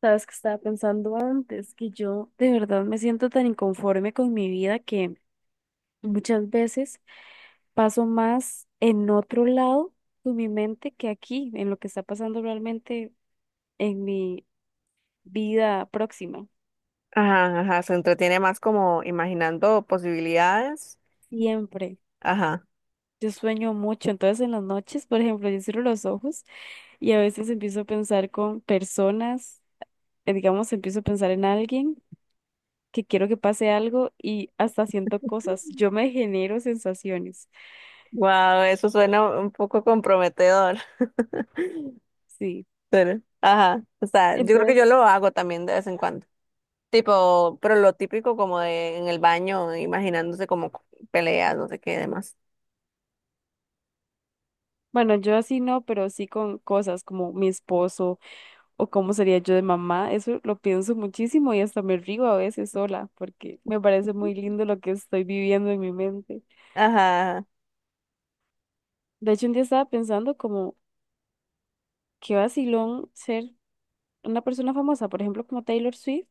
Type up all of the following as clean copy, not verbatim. Sabes que estaba pensando antes que yo de verdad me siento tan inconforme con mi vida que muchas veces paso más en otro lado con mi mente que aquí, en lo que está pasando realmente en mi vida próxima. Ajá, ajá, se entretiene más como imaginando posibilidades. Siempre. Ajá. Yo sueño mucho, entonces en las noches, por ejemplo, yo cierro los ojos y a veces empiezo a pensar con personas, digamos, empiezo a pensar en alguien que quiero que pase algo y hasta siento cosas. Yo me genero sensaciones. Wow, eso suena un poco comprometedor. Sí. Pero, ajá, o sea, yo creo que yo Entonces, lo hago también de vez en cuando. Tipo, pero lo típico como de en el baño, imaginándose como peleas, no sé qué demás. bueno, yo así no, pero sí con cosas como mi esposo o cómo sería yo de mamá, eso lo pienso muchísimo y hasta me río a veces sola, porque me parece muy lindo lo que estoy viviendo en mi mente. Ajá, De hecho, un día estaba pensando como qué vacilón ser una persona famosa, por ejemplo, como Taylor Swift,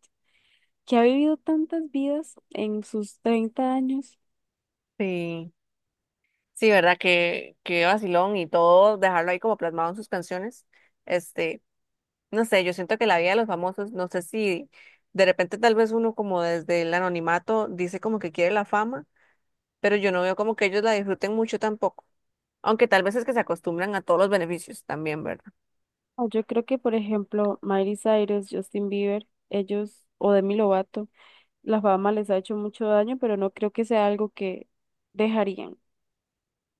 que ha vivido tantas vidas en sus 30 años. sí. Sí, ¿verdad? Que vacilón y todo, dejarlo ahí como plasmado en sus canciones. Este, No sé, yo siento que la vida de los famosos, no sé si de repente tal vez uno como desde el anonimato dice como que quiere la fama, pero yo no veo como que ellos la disfruten mucho tampoco. Aunque tal vez es que se acostumbran a todos los beneficios también, ¿verdad? O yo creo que, por ejemplo, Miley Cyrus, Justin Bieber, ellos, o Demi Lovato. Las fama les ha hecho mucho daño, pero no creo que sea algo que dejarían.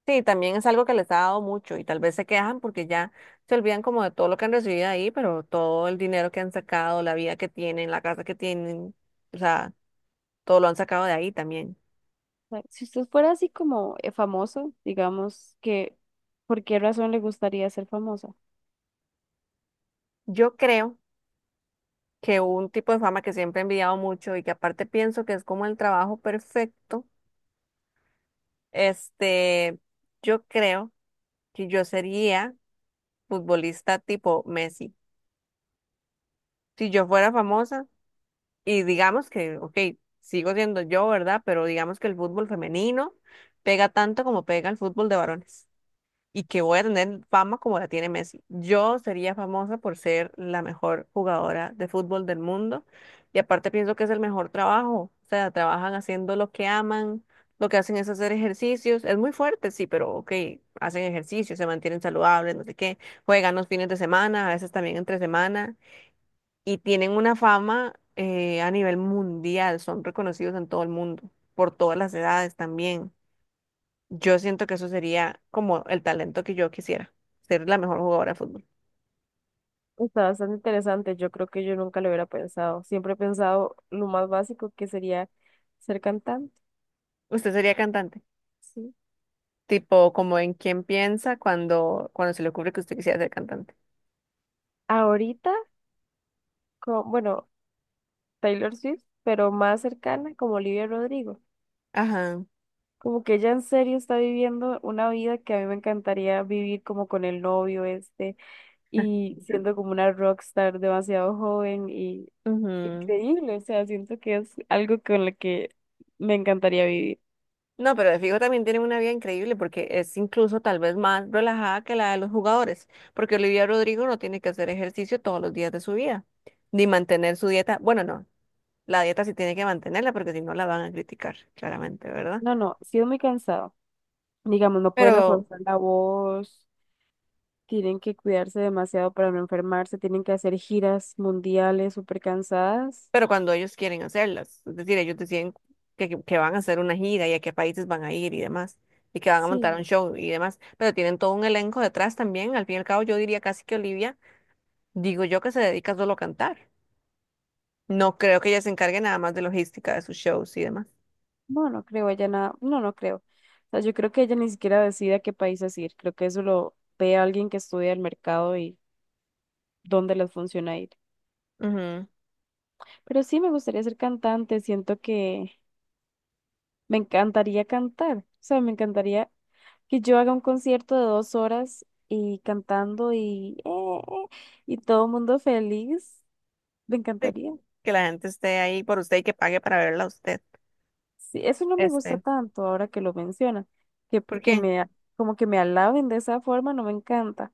Sí, también es algo que les ha dado mucho y tal vez se quejan porque ya se olvidan como de todo lo que han recibido ahí, pero todo el dinero que han sacado, la vida que tienen, la casa que tienen, o sea, todo lo han sacado de ahí también. O sea, si usted fuera así como famoso, digamos que, ¿por qué razón le gustaría ser famosa? Yo creo que un tipo de fama que siempre he envidiado mucho y que aparte pienso que es como el trabajo perfecto, este, yo creo que yo sería futbolista tipo Messi. Si yo fuera famosa y digamos que, ok, sigo siendo yo, ¿verdad? Pero digamos que el fútbol femenino pega tanto como pega el fútbol de varones. Y que voy a tener fama como la tiene Messi. Yo sería famosa por ser la mejor jugadora de fútbol del mundo y aparte pienso que es el mejor trabajo, o sea, trabajan haciendo lo que aman, lo que hacen es hacer ejercicios, es muy fuerte, sí, pero ok, hacen ejercicio, se mantienen saludables, no sé qué, juegan los fines de semana, a veces también entre semana y tienen una fama a nivel mundial, son reconocidos en todo el mundo, por todas las edades también. Yo siento que eso sería como el talento que yo quisiera, ser la mejor jugadora de fútbol. Está bastante interesante. Yo creo que yo nunca lo hubiera pensado. Siempre he pensado lo más básico que sería ser cantante. Usted sería cantante, Sí. tipo como en quién piensa cuando se le ocurre que usted quisiera ser cantante. Ahorita, bueno, Taylor Swift, pero más cercana como Olivia Rodrigo. Ajá. Como que ella en serio está viviendo una vida que a mí me encantaría vivir como con el novio este. Y siendo como una rockstar demasiado joven y Ujú. increíble, o sea, siento que es algo con lo que me encantaría vivir. No, pero de fijo también tienen una vida increíble porque es incluso tal vez más relajada que la de los jugadores, porque Olivia Rodrigo no tiene que hacer ejercicio todos los días de su vida, ni mantener su dieta. Bueno, no, la dieta sí tiene que mantenerla porque si no la van a criticar, claramente, ¿verdad? No, no, sí es muy cansado. Digamos, no pueden Pero... esforzar la voz, tienen que cuidarse demasiado para no enfermarse, tienen que hacer giras mundiales súper cansadas. pero cuando ellos quieren hacerlas, es decir, ellos deciden que van a hacer una gira y a qué países van a ir y demás, y que van a montar un Sí, show y demás, pero tienen todo un elenco detrás también, al fin y al cabo yo diría casi que Olivia, digo yo que se dedica solo a cantar, no creo que ella se encargue nada más de logística de sus shows y demás. no, no creo, ella nada, no, no creo. O sea, yo creo que ella ni siquiera decide a qué países ir, creo que eso lo ve alguien que estudia el mercado y dónde les funciona ir. Ujú. Pero sí me gustaría ser cantante, siento que me encantaría cantar, o sea, me encantaría que yo haga un concierto de 2 horas y cantando y todo el mundo feliz, me Sí, encantaría. que la gente esté ahí por usted y que pague para verla a usted. Sí, eso no me gusta Este, tanto ahora que lo menciona, que, ¿Por que qué? me, a- como que me alaben de esa forma, no me encanta,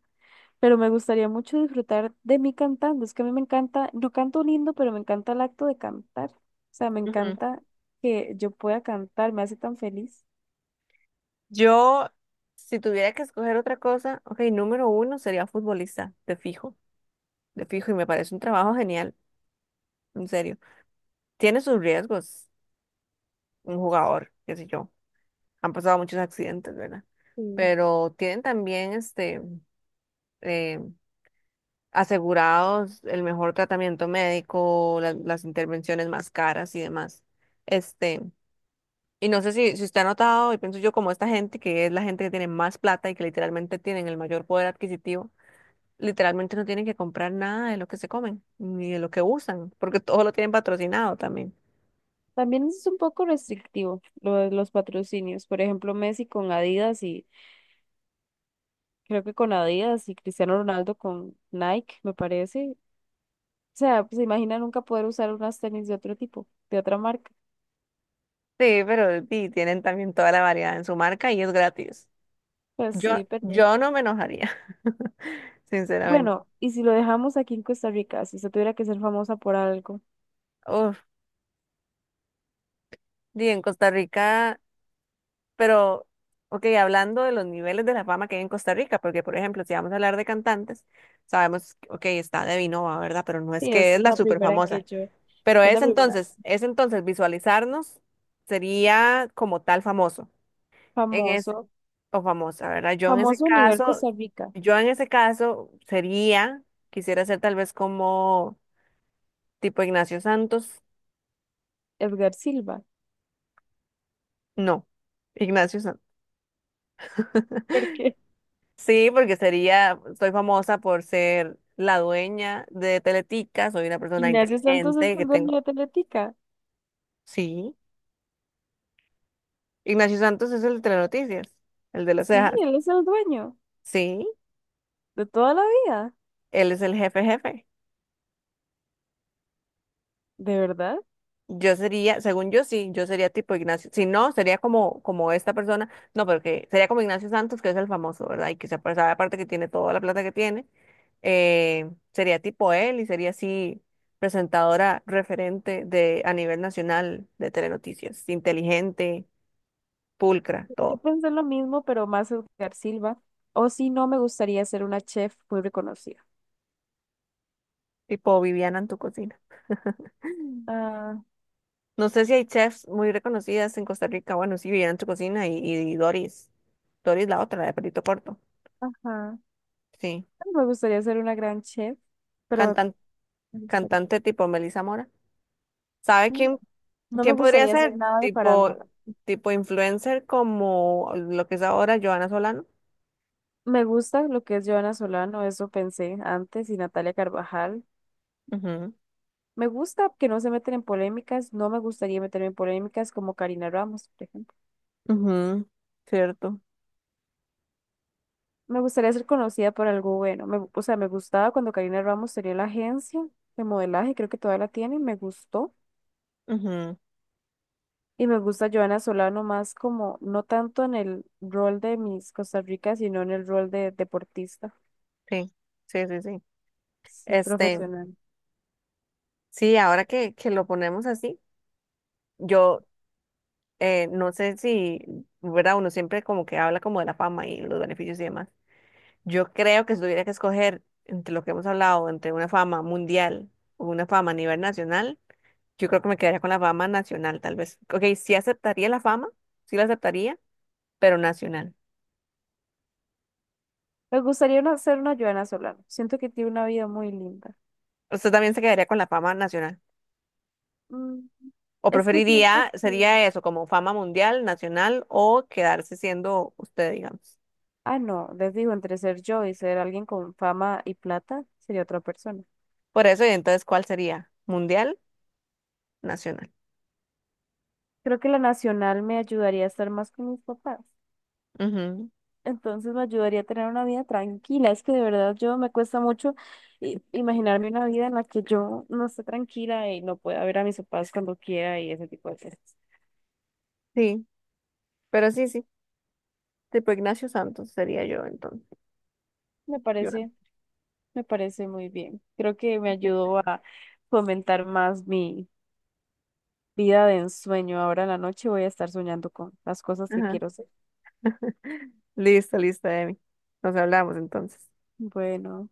pero me gustaría mucho disfrutar de mí cantando, es que a mí me encanta, no canto lindo, pero me encanta el acto de cantar, o sea, me Ujú. encanta que yo pueda cantar, me hace tan feliz. Yo, si tuviera que escoger otra cosa, ok, número uno sería futbolista, de fijo, y me parece un trabajo genial. En serio. Tiene sus riesgos, un jugador, qué sé yo. Han pasado muchos accidentes, ¿verdad? Sí. Pero tienen también eh, asegurados el mejor tratamiento médico, la- las intervenciones más caras y demás. Este, y no sé si usted ha notado, y pienso yo como esta gente, que es la gente que tiene más plata y que literalmente tienen el mayor poder adquisitivo, literalmente no tienen que comprar nada de lo que se comen, ni de lo que usan, porque todo lo tienen patrocinado también. También es un poco restrictivo lo de los patrocinios. Por ejemplo, Messi con Adidas y creo que con Adidas y Cristiano Ronaldo con Nike, me parece. O sea, pues imagina nunca poder usar unas tenis de otro tipo, de otra marca. Sí, pero sí, tienen también toda la variedad en su marca y es gratis. Pues Yo, sí, pero yo no me enojaría, sinceramente. bueno, y si lo dejamos aquí en Costa Rica, si usted tuviera que ser famosa por algo, Uf, sí, en Costa Rica, pero, ok, hablando de los niveles de la fama que hay en Costa Rica, porque, por ejemplo, si vamos a hablar de cantantes, sabemos, ok, está de Nova, ¿verdad? Pero no es sí, que es es la la súper primera en que famosa. yo, Pero es es la primera. entonces, es entonces visualizarnos sería como tal famoso. En es- Famoso, o famosa, ¿verdad? Famoso a nivel Costa Rica, Yo en ese caso sería, quisiera ser tal vez como tipo Ignacio Santos. Edgar Silva, No, Ignacio Santos. porque Sí, porque sería, soy famosa por ser la dueña de Teletica, soy una persona Ignacio Santos es inteligente que el dueño tengo. de Atletica. Sí, Ignacio Santos es el de Telenoticias, el de las Sí, cejas. él es el dueño. Sí, De toda la vida, él es el jefe jefe. de verdad. Yo sería, según yo sí, yo sería tipo Ignacio. Si no, sería como, como esta persona. No, pero que sería como Ignacio Santos, que es el famoso, ¿verdad? Y que se apare- sabe aparte que tiene toda la plata que tiene. Eh, sería tipo él y sería así presentadora referente de a nivel nacional de Telenoticias. Inteligente, pulcra, Yo todo. pensé lo mismo, pero más Edgar Silva. O si no, me gustaría ser una chef muy reconocida. Tipo Viviana en tu cocina. Ah, No sé si hay chefs muy reconocidas en Costa Rica. Bueno, sí, Viviana en tu cocina y Doris. Doris la otra, la de pelito corto. ajá. Sí. Me gustaría ser una gran chef, pero me gustaría- Cantante tipo Melissa Mora. ¿Sabe quién, no me quién podría gustaría ser? hacer Bueno. nada de Tipo, farándula. tipo influencer como lo que es ahora Joana Solano. Me gusta lo que es Joana Solano, eso pensé antes, y Natalia Carvajal. Ujú, Me gusta que no se meten en polémicas, no me gustaría meterme en polémicas como Karina Ramos, por ejemplo. ujú, cierto. Me gustaría ser conocida por algo bueno. O sea, me gustaba cuando Karina Ramos tenía la agencia de modelaje, creo que todavía la tiene, me gustó. Ujú, Y me gusta Joana Solano más como, no tanto en el rol de Miss Costa Rica, sino en el rol de deportista, sí, sí, sí, sí. sí, Este, profesional. sí, ahora que lo ponemos así, yo no sé si, ¿verdad? Uno siempre como que habla como de la fama y los beneficios y demás. Yo creo que si tuviera que escoger entre lo que hemos hablado, entre una fama mundial o una fama a nivel nacional, yo creo que me quedaría con la fama nacional, tal vez. Ok, sí aceptaría la fama, sí la aceptaría, pero nacional. Me gustaría ser una Joana Solano. Siento que tiene una vida muy linda. ¿Usted también se quedaría con la fama nacional? Mm, ¿O es que preferiría, siento que... sería eso, como fama mundial, nacional o quedarse siendo usted, digamos? Ah, no, les digo, entre ser yo y ser alguien con fama y plata, sería otra persona. Por eso, y entonces, ¿cuál sería? ¿Mundial, nacional? Creo que la nacional me ayudaría a estar más con mis papás. Ujú, Entonces me ayudaría a tener una vida tranquila. Es que de verdad yo me cuesta mucho imaginarme una vida en la que yo no esté tranquila y no pueda ver a mis papás cuando quiera y ese tipo de cosas. sí, pero sí, sí. Tipo Ignacio Santos sería yo entonces. Me Yo. parece, me parece muy bien. Creo que me ayudó a fomentar más mi vida de ensueño. Ahora en la noche voy a estar soñando con las cosas que Ajá. quiero ser. Listo, listo, Emi. Nos hablamos entonces. Bueno.